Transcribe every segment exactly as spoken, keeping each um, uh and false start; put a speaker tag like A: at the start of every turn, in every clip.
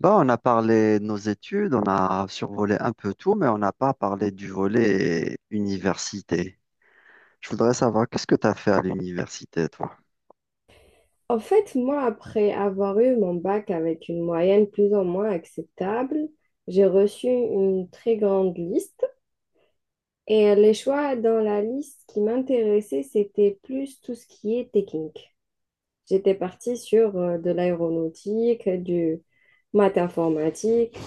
A: Bah, on a parlé de nos études, on a survolé un peu tout, mais on n'a pas parlé du volet université. Je voudrais savoir, qu'est-ce que tu as fait à l'université, toi?
B: En fait, moi, après avoir eu mon bac avec une moyenne plus ou moins acceptable, j'ai reçu une très grande liste et les choix dans la liste qui m'intéressaient, c'était plus tout ce qui est technique. J'étais partie sur euh, de l'aéronautique, du maths informatique.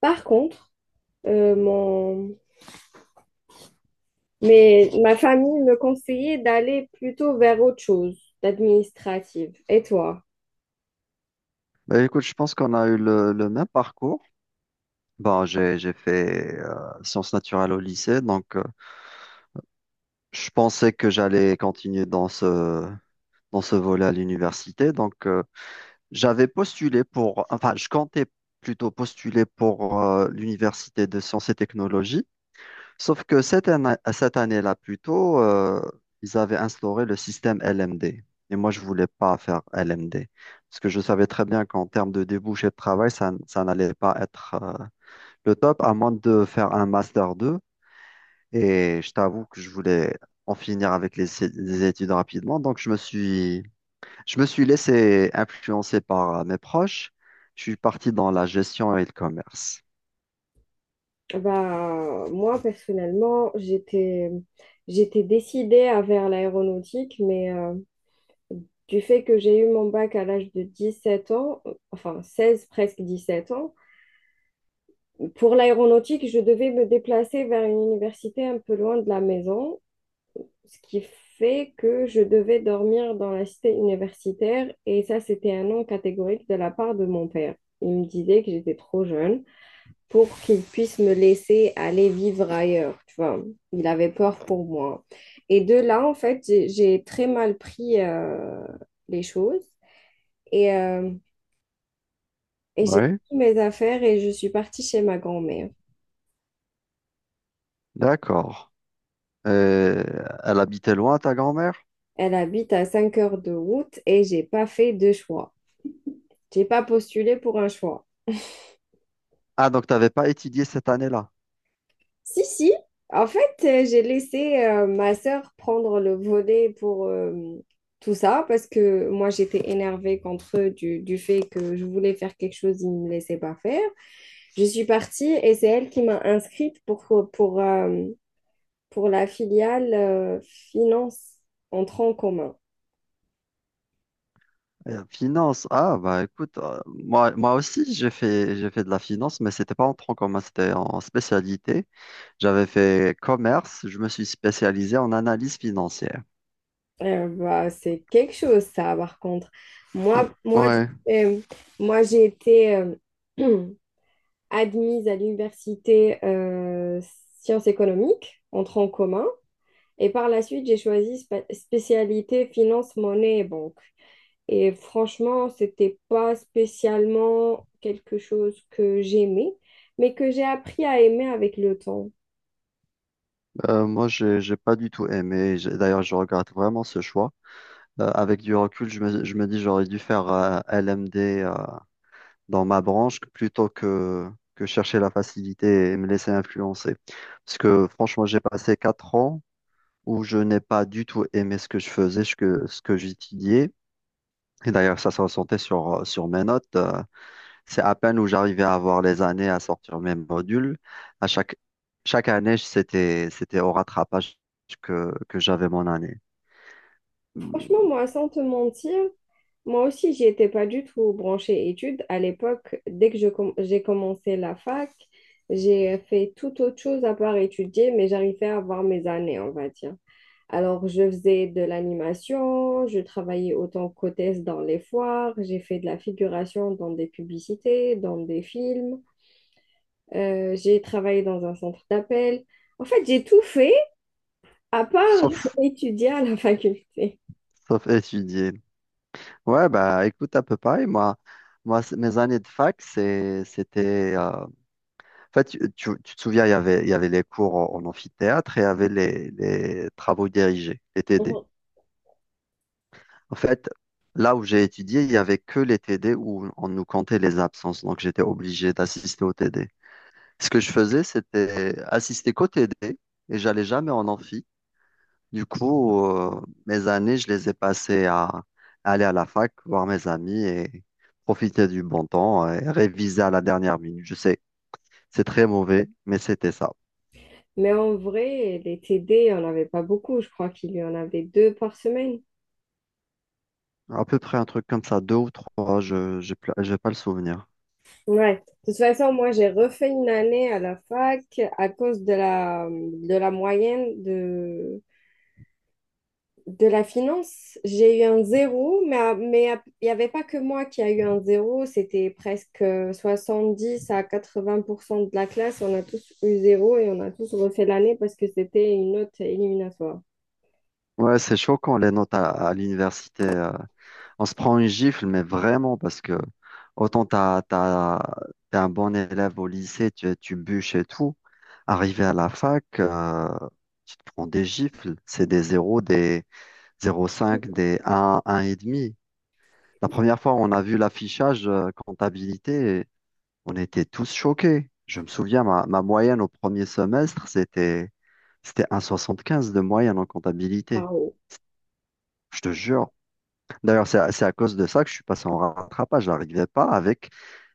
B: Par contre, euh, mon... Mais ma famille me conseillait d'aller plutôt vers autre chose, d'administrative. Et toi?
A: Bah, écoute, je pense qu'on a eu le, le même parcours. Bon, j'ai, j'ai fait euh, sciences naturelles au lycée, donc euh, je pensais que j'allais continuer dans ce, dans ce volet à l'université. Donc, euh, J'avais postulé pour, enfin, je comptais plutôt postuler pour euh, l'Université de sciences et technologies, sauf que cette année, cette année-là, plutôt, euh, ils avaient instauré le système L M D. Et moi, je voulais pas faire L M D, parce que je savais très bien qu'en termes de débouchés de travail, ça, n- ça n'allait pas être euh, le top, à moins de faire un Master deux. Et je t'avoue que je voulais en finir avec les, les études rapidement, donc je me suis je me suis laissé influencer par euh, mes proches. Je suis parti dans la gestion et le commerce.
B: Bah, moi, personnellement, j'étais, j'étais décidée à vers l'aéronautique, mais euh, du fait que j'ai eu mon bac à l'âge de dix-sept ans, euh, enfin seize presque dix-sept ans, pour l'aéronautique, je devais me déplacer vers une université un peu loin de la maison, ce qui fait que je devais dormir dans la cité universitaire, et ça, c'était un non catégorique de la part de mon père. Il me disait que j'étais trop jeune pour qu'il puisse me laisser aller vivre ailleurs, tu vois. Il avait peur pour moi. Et de là, en fait, j'ai j'ai très mal pris euh, les choses et, euh, et j'ai
A: Oui,
B: pris mes affaires et je suis partie chez ma grand-mère.
A: d'accord. Euh, Elle habitait loin, ta grand-mère?
B: Elle habite à cinq heures de route et j'ai pas fait de choix. J'ai pas postulé pour un choix.
A: Ah, donc tu n'avais pas étudié cette année-là.
B: Si, si. En fait, euh, j'ai laissé euh, ma sœur prendre le volet pour euh, tout ça parce que moi, j'étais énervée contre eux du, du fait que je voulais faire quelque chose, ils ne me laissaient pas faire. Je suis partie et c'est elle qui m'a inscrite pour, pour, euh, pour la filiale euh, finance en tronc commun.
A: Euh, finance. Ah, bah écoute, euh, moi, moi aussi, j'ai fait, j'ai fait de la finance, mais c'était pas en tronc commun, c'était en spécialité. J'avais fait commerce, je me suis spécialisé en analyse financière.
B: Euh, bah, c'est quelque chose, ça, par contre.
A: Mm,
B: Moi, moi,
A: ouais,
B: j'ai- euh, Moi j'ai été... euh, admise à l'université euh, sciences économiques, en tronc commun. Et par la suite, j'ai choisi spa- spécialité finance, monnaie et banque. Et franchement, c'était pas spécialement quelque chose que j'aimais, mais que j'ai appris à aimer avec le temps.
A: euh, moi, j'ai, j'ai pas du tout aimé. J'ai- D'ailleurs, je regrette vraiment ce choix. Euh, avec du recul, je me, je me dis j'aurais dû faire euh, L M D euh, dans ma branche plutôt que, que chercher la facilité et me laisser influencer. Parce que franchement, j'ai passé quatre ans où je n'ai pas du tout aimé ce que je faisais, ce que, ce que j'étudiais. Et d'ailleurs, ça se ressentait sur, euh, sur mes notes. Euh, C'est à peine où j'arrivais à avoir les années à sortir mes modules. À chaque, Chaque année, c'était, c'était au rattrapage que, que j'avais mon année.
B: Franchement,
A: Hum,
B: moi, sans te mentir, moi aussi, j'y étais pas du tout branchée études. À l'époque, dès que je com- j'ai commencé la fac, j'ai fait tout autre chose à part étudier, mais j'arrivais à avoir mes années, on va dire. Alors, je faisais de l'animation, je travaillais autant qu'hôtesse dans les foires, j'ai fait de la figuration dans des publicités, dans des films, euh, j'ai travaillé dans un centre d'appel. En fait, j'ai tout fait à part
A: Sauf,
B: étudier à la faculté.
A: sauf étudier. Ouais, bah écoute, à peu près. Moi, moi c- mes années de fac, c'est, c'était. euh, En fait, tu, tu- tu te souviens, il y avait, il y avait les cours en, en amphithéâtre et il y avait les, les travaux dirigés, les T D.
B: Mhm.
A: En fait, là où j'ai étudié, il n'y avait que les T D où on nous comptait les absences. Donc, j'étais obligé d'assister aux T D. Ce que je faisais, c'était assister qu'aux T D et j'allais jamais en amphi. Du coup, euh, mes années, je les ai passées à, à aller à la fac, voir mes amis et profiter du bon temps et réviser à la dernière minute. Je sais, c'est très mauvais, mais c'était ça.
B: Mais en vrai, les T D, il n'y en avait pas beaucoup. Je crois qu'il y en avait deux par semaine.
A: À peu près un truc comme ça, deux ou trois, je n'ai pas le souvenir.
B: Ouais. De toute façon, moi, j'ai refait une année à la fac à cause de la, de la moyenne de, de la finance. J'ai eu un zéro, mais, à- mais à- il n'y avait pas que moi qui a eu un zéro. C'était presque euh, soixante-dix à quatre-vingts pour cent de la classe. On a tous eu zéro et on a tous refait l'année parce que c'était une note éliminatoire.
A: Ouais, c'est choquant les notes à, à l'université. Euh, on se prend une gifle, mais vraiment, parce que autant t'as, t'as- t'es un bon élève au lycée, tu, tu bûches et tout. Arrivé à la fac, euh, tu te prends des gifles. C'est des zéros des zéro virgule cinq des un, un virgule cinq. La première fois, on a vu l'affichage euh, comptabilité, et on était tous choqués. Je me souviens, ma, ma moyenne au premier semestre, c'était, c'était un soixante quinze de moyenne en comptabilité.
B: Waouh.
A: Je te jure. D'ailleurs, c'est à, c'est à cause de ça que je suis passé en rattrapage. Je n'arrivais pas avec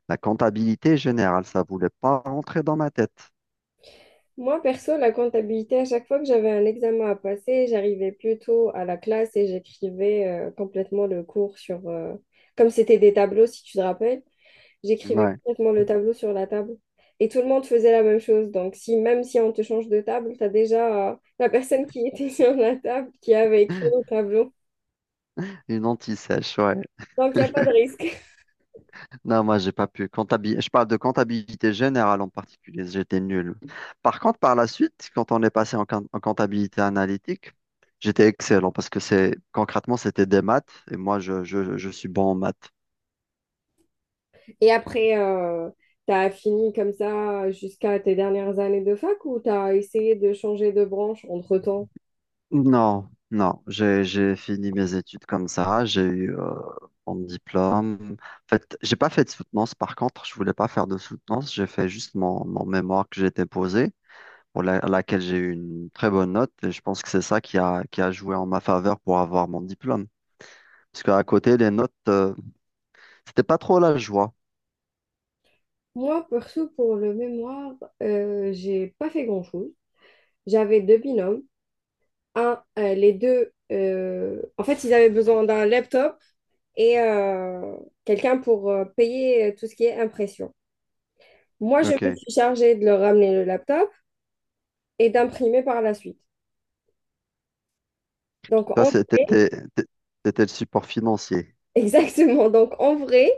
A: la comptabilité générale, ça voulait pas rentrer dans ma tête.
B: Moi, perso, la comptabilité, à chaque fois que j'avais un examen à passer, j'arrivais plutôt à la classe et j'écrivais euh, complètement le cours sur... euh, Comme c'était des tableaux, si tu te rappelles. J'écrivais
A: Ouais.
B: complètement le tableau sur la table. Et tout le monde faisait la même chose. Donc, si, même si on te change de table, tu as déjà euh, la personne qui était sur la table qui avait écrit le tableau.
A: Une anti-sèche, ouais.
B: Donc, il n'y a pas de risque.
A: Non, moi, j'ai pas pu. Comptabil- je parle de comptabilité générale en particulier, j'étais nul. Par contre, par la suite, quand on est passé en, quin- en comptabilité analytique, j'étais excellent parce que c'est concrètement, c'était des maths et moi, je, je, je suis bon en maths.
B: Et après, euh, tu as fini comme ça jusqu'à tes dernières années de fac ou tu as essayé de changer de branche entre-temps?
A: Non, non, j'ai j'ai fini mes études comme ça, j'ai eu euh, mon diplôme. En fait, j'ai pas fait de soutenance par contre, je voulais pas faire de soutenance, j'ai fait juste mon, mon mémoire que j'ai déposé, pour la- à laquelle j'ai eu une très bonne note, et je pense que c'est ça qui a, qui a joué en ma faveur pour avoir mon diplôme. Parce qu'à côté, les notes, euh, c'était pas trop la joie.
B: Moi, perso, pour le mémoire, euh, j'ai pas fait grand-chose. J'avais deux binômes. Un, euh, les deux, euh, en fait, ils avaient besoin d'un laptop et euh, quelqu'un pour euh, payer euh, tout ce qui est impression. Moi, je me
A: Ok,
B: suis chargée de leur ramener le laptop et d'imprimer par la suite. Donc,
A: toi,
B: en
A: c'était
B: vrai,
A: t'étais t'étais le support financier.
B: exactement. Donc, en vrai,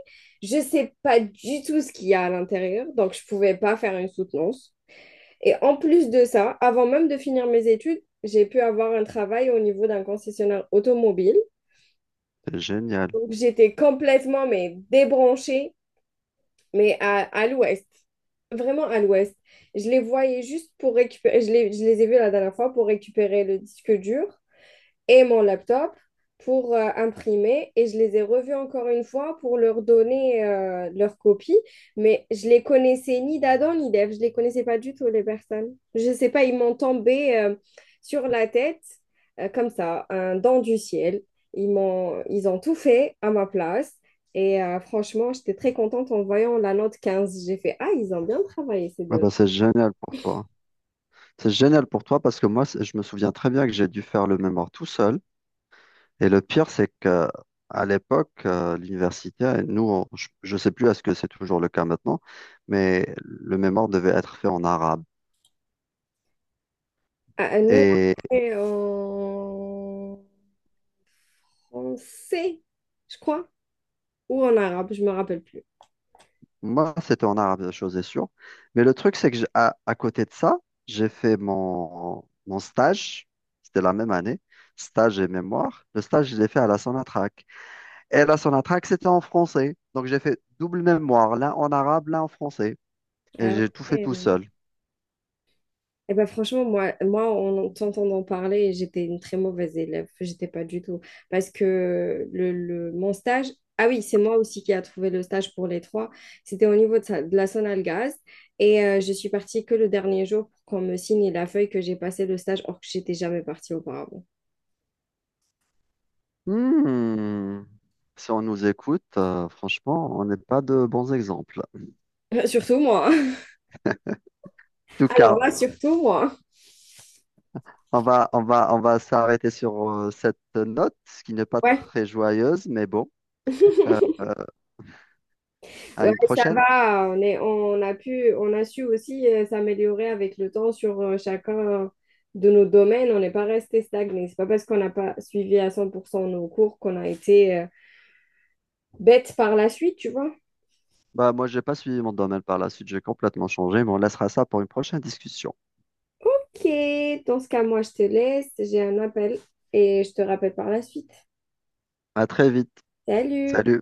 B: je sais pas du tout ce qu'il y a à l'intérieur. Donc, je pouvais pas faire une soutenance. Et en plus de ça, avant même de finir mes études, j'ai pu avoir un travail au niveau d'un concessionnaire automobile.
A: C'est génial.
B: Donc, j'étais complètement mais débranchée, mais à, à l'ouest, vraiment à l'ouest. Je les voyais juste pour récupérer, je les, je les ai vus la dernière fois pour récupérer le disque dur et mon laptop pour euh, imprimer et je les ai revus encore une fois pour leur donner euh, leur copie, mais je les connaissais ni d'Adam ni d'Ève, je les connaissais pas du tout les personnes. Je sais pas, ils m'ont tombé euh, sur la tête euh, comme ça, un don du ciel. Ils m'ont, ils ont tout fait à ma place et euh, franchement, j'étais très contente en voyant la note quinze J'ai fait ah, ils ont bien travaillé ces
A: Ah
B: deux-là.
A: bah, c'est génial pour toi. C'est génial pour toi parce que moi, c'est- je me souviens très bien que j'ai dû faire le mémoire tout seul. Et le pire, c'est que à l'époque, euh, l'université, euh, nous, on- je ne sais plus à ce que c'est toujours le cas maintenant, mais le mémoire devait être fait en arabe.
B: Ah, nous
A: Et
B: on est en français, je crois. ou en arabe, je me rappelle plus.
A: moi, c'était en arabe, chose est sûre. Mais le truc, c'est que j'ai- à, à côté de ça, j'ai fait mon, mon stage. C'était la même année, stage et mémoire. Le stage, je l'ai fait à la Sonatrach. Et la Sonatrach, c'était en français. Donc, j'ai fait double mémoire, l'un en arabe, l'un en français. Et
B: Ah
A: j'ai tout fait tout
B: ouais.
A: seul.
B: Et ben franchement, moi, moi, en t'entendant parler, j'étais une très mauvaise élève. J'étais pas du tout. Parce que le, le- mon stage, ah oui, c'est moi aussi qui a trouvé le stage pour les trois. C'était au niveau de, sa- de la Sonalgaz. Et euh, je suis partie que le dernier jour pour qu'on me signe la feuille que j'ai passé le stage, or que j'étais jamais partie auparavant.
A: Hmm. Si on nous écoute, euh, franchement, on n'est pas de bons exemples. En
B: Euh, Surtout moi. hein.
A: tout
B: Alors
A: cas,
B: là, surtout moi. hein.
A: on va, on va, on va s'arrêter sur euh, cette note ce qui n'est pas
B: Ouais.
A: très joyeuse, mais bon, euh, à
B: Ouais,
A: une
B: ça
A: prochaine.
B: va. On est, on a pu, On a su aussi euh, s'améliorer avec le temps sur euh, chacun euh, de nos domaines. On n'est pas resté stagné. C'est pas parce qu'on n'a pas suivi à cent pour cent nos cours qu'on a été euh, bête par la suite, tu vois.
A: Bah, moi, j'ai pas suivi mon domaine par la suite, j'ai complètement changé, mais on laissera ça pour une prochaine discussion.
B: Ok, dans ce cas, moi, je te laisse. J'ai un appel et je te rappelle par la suite.
A: À très vite.
B: Salut!
A: Salut.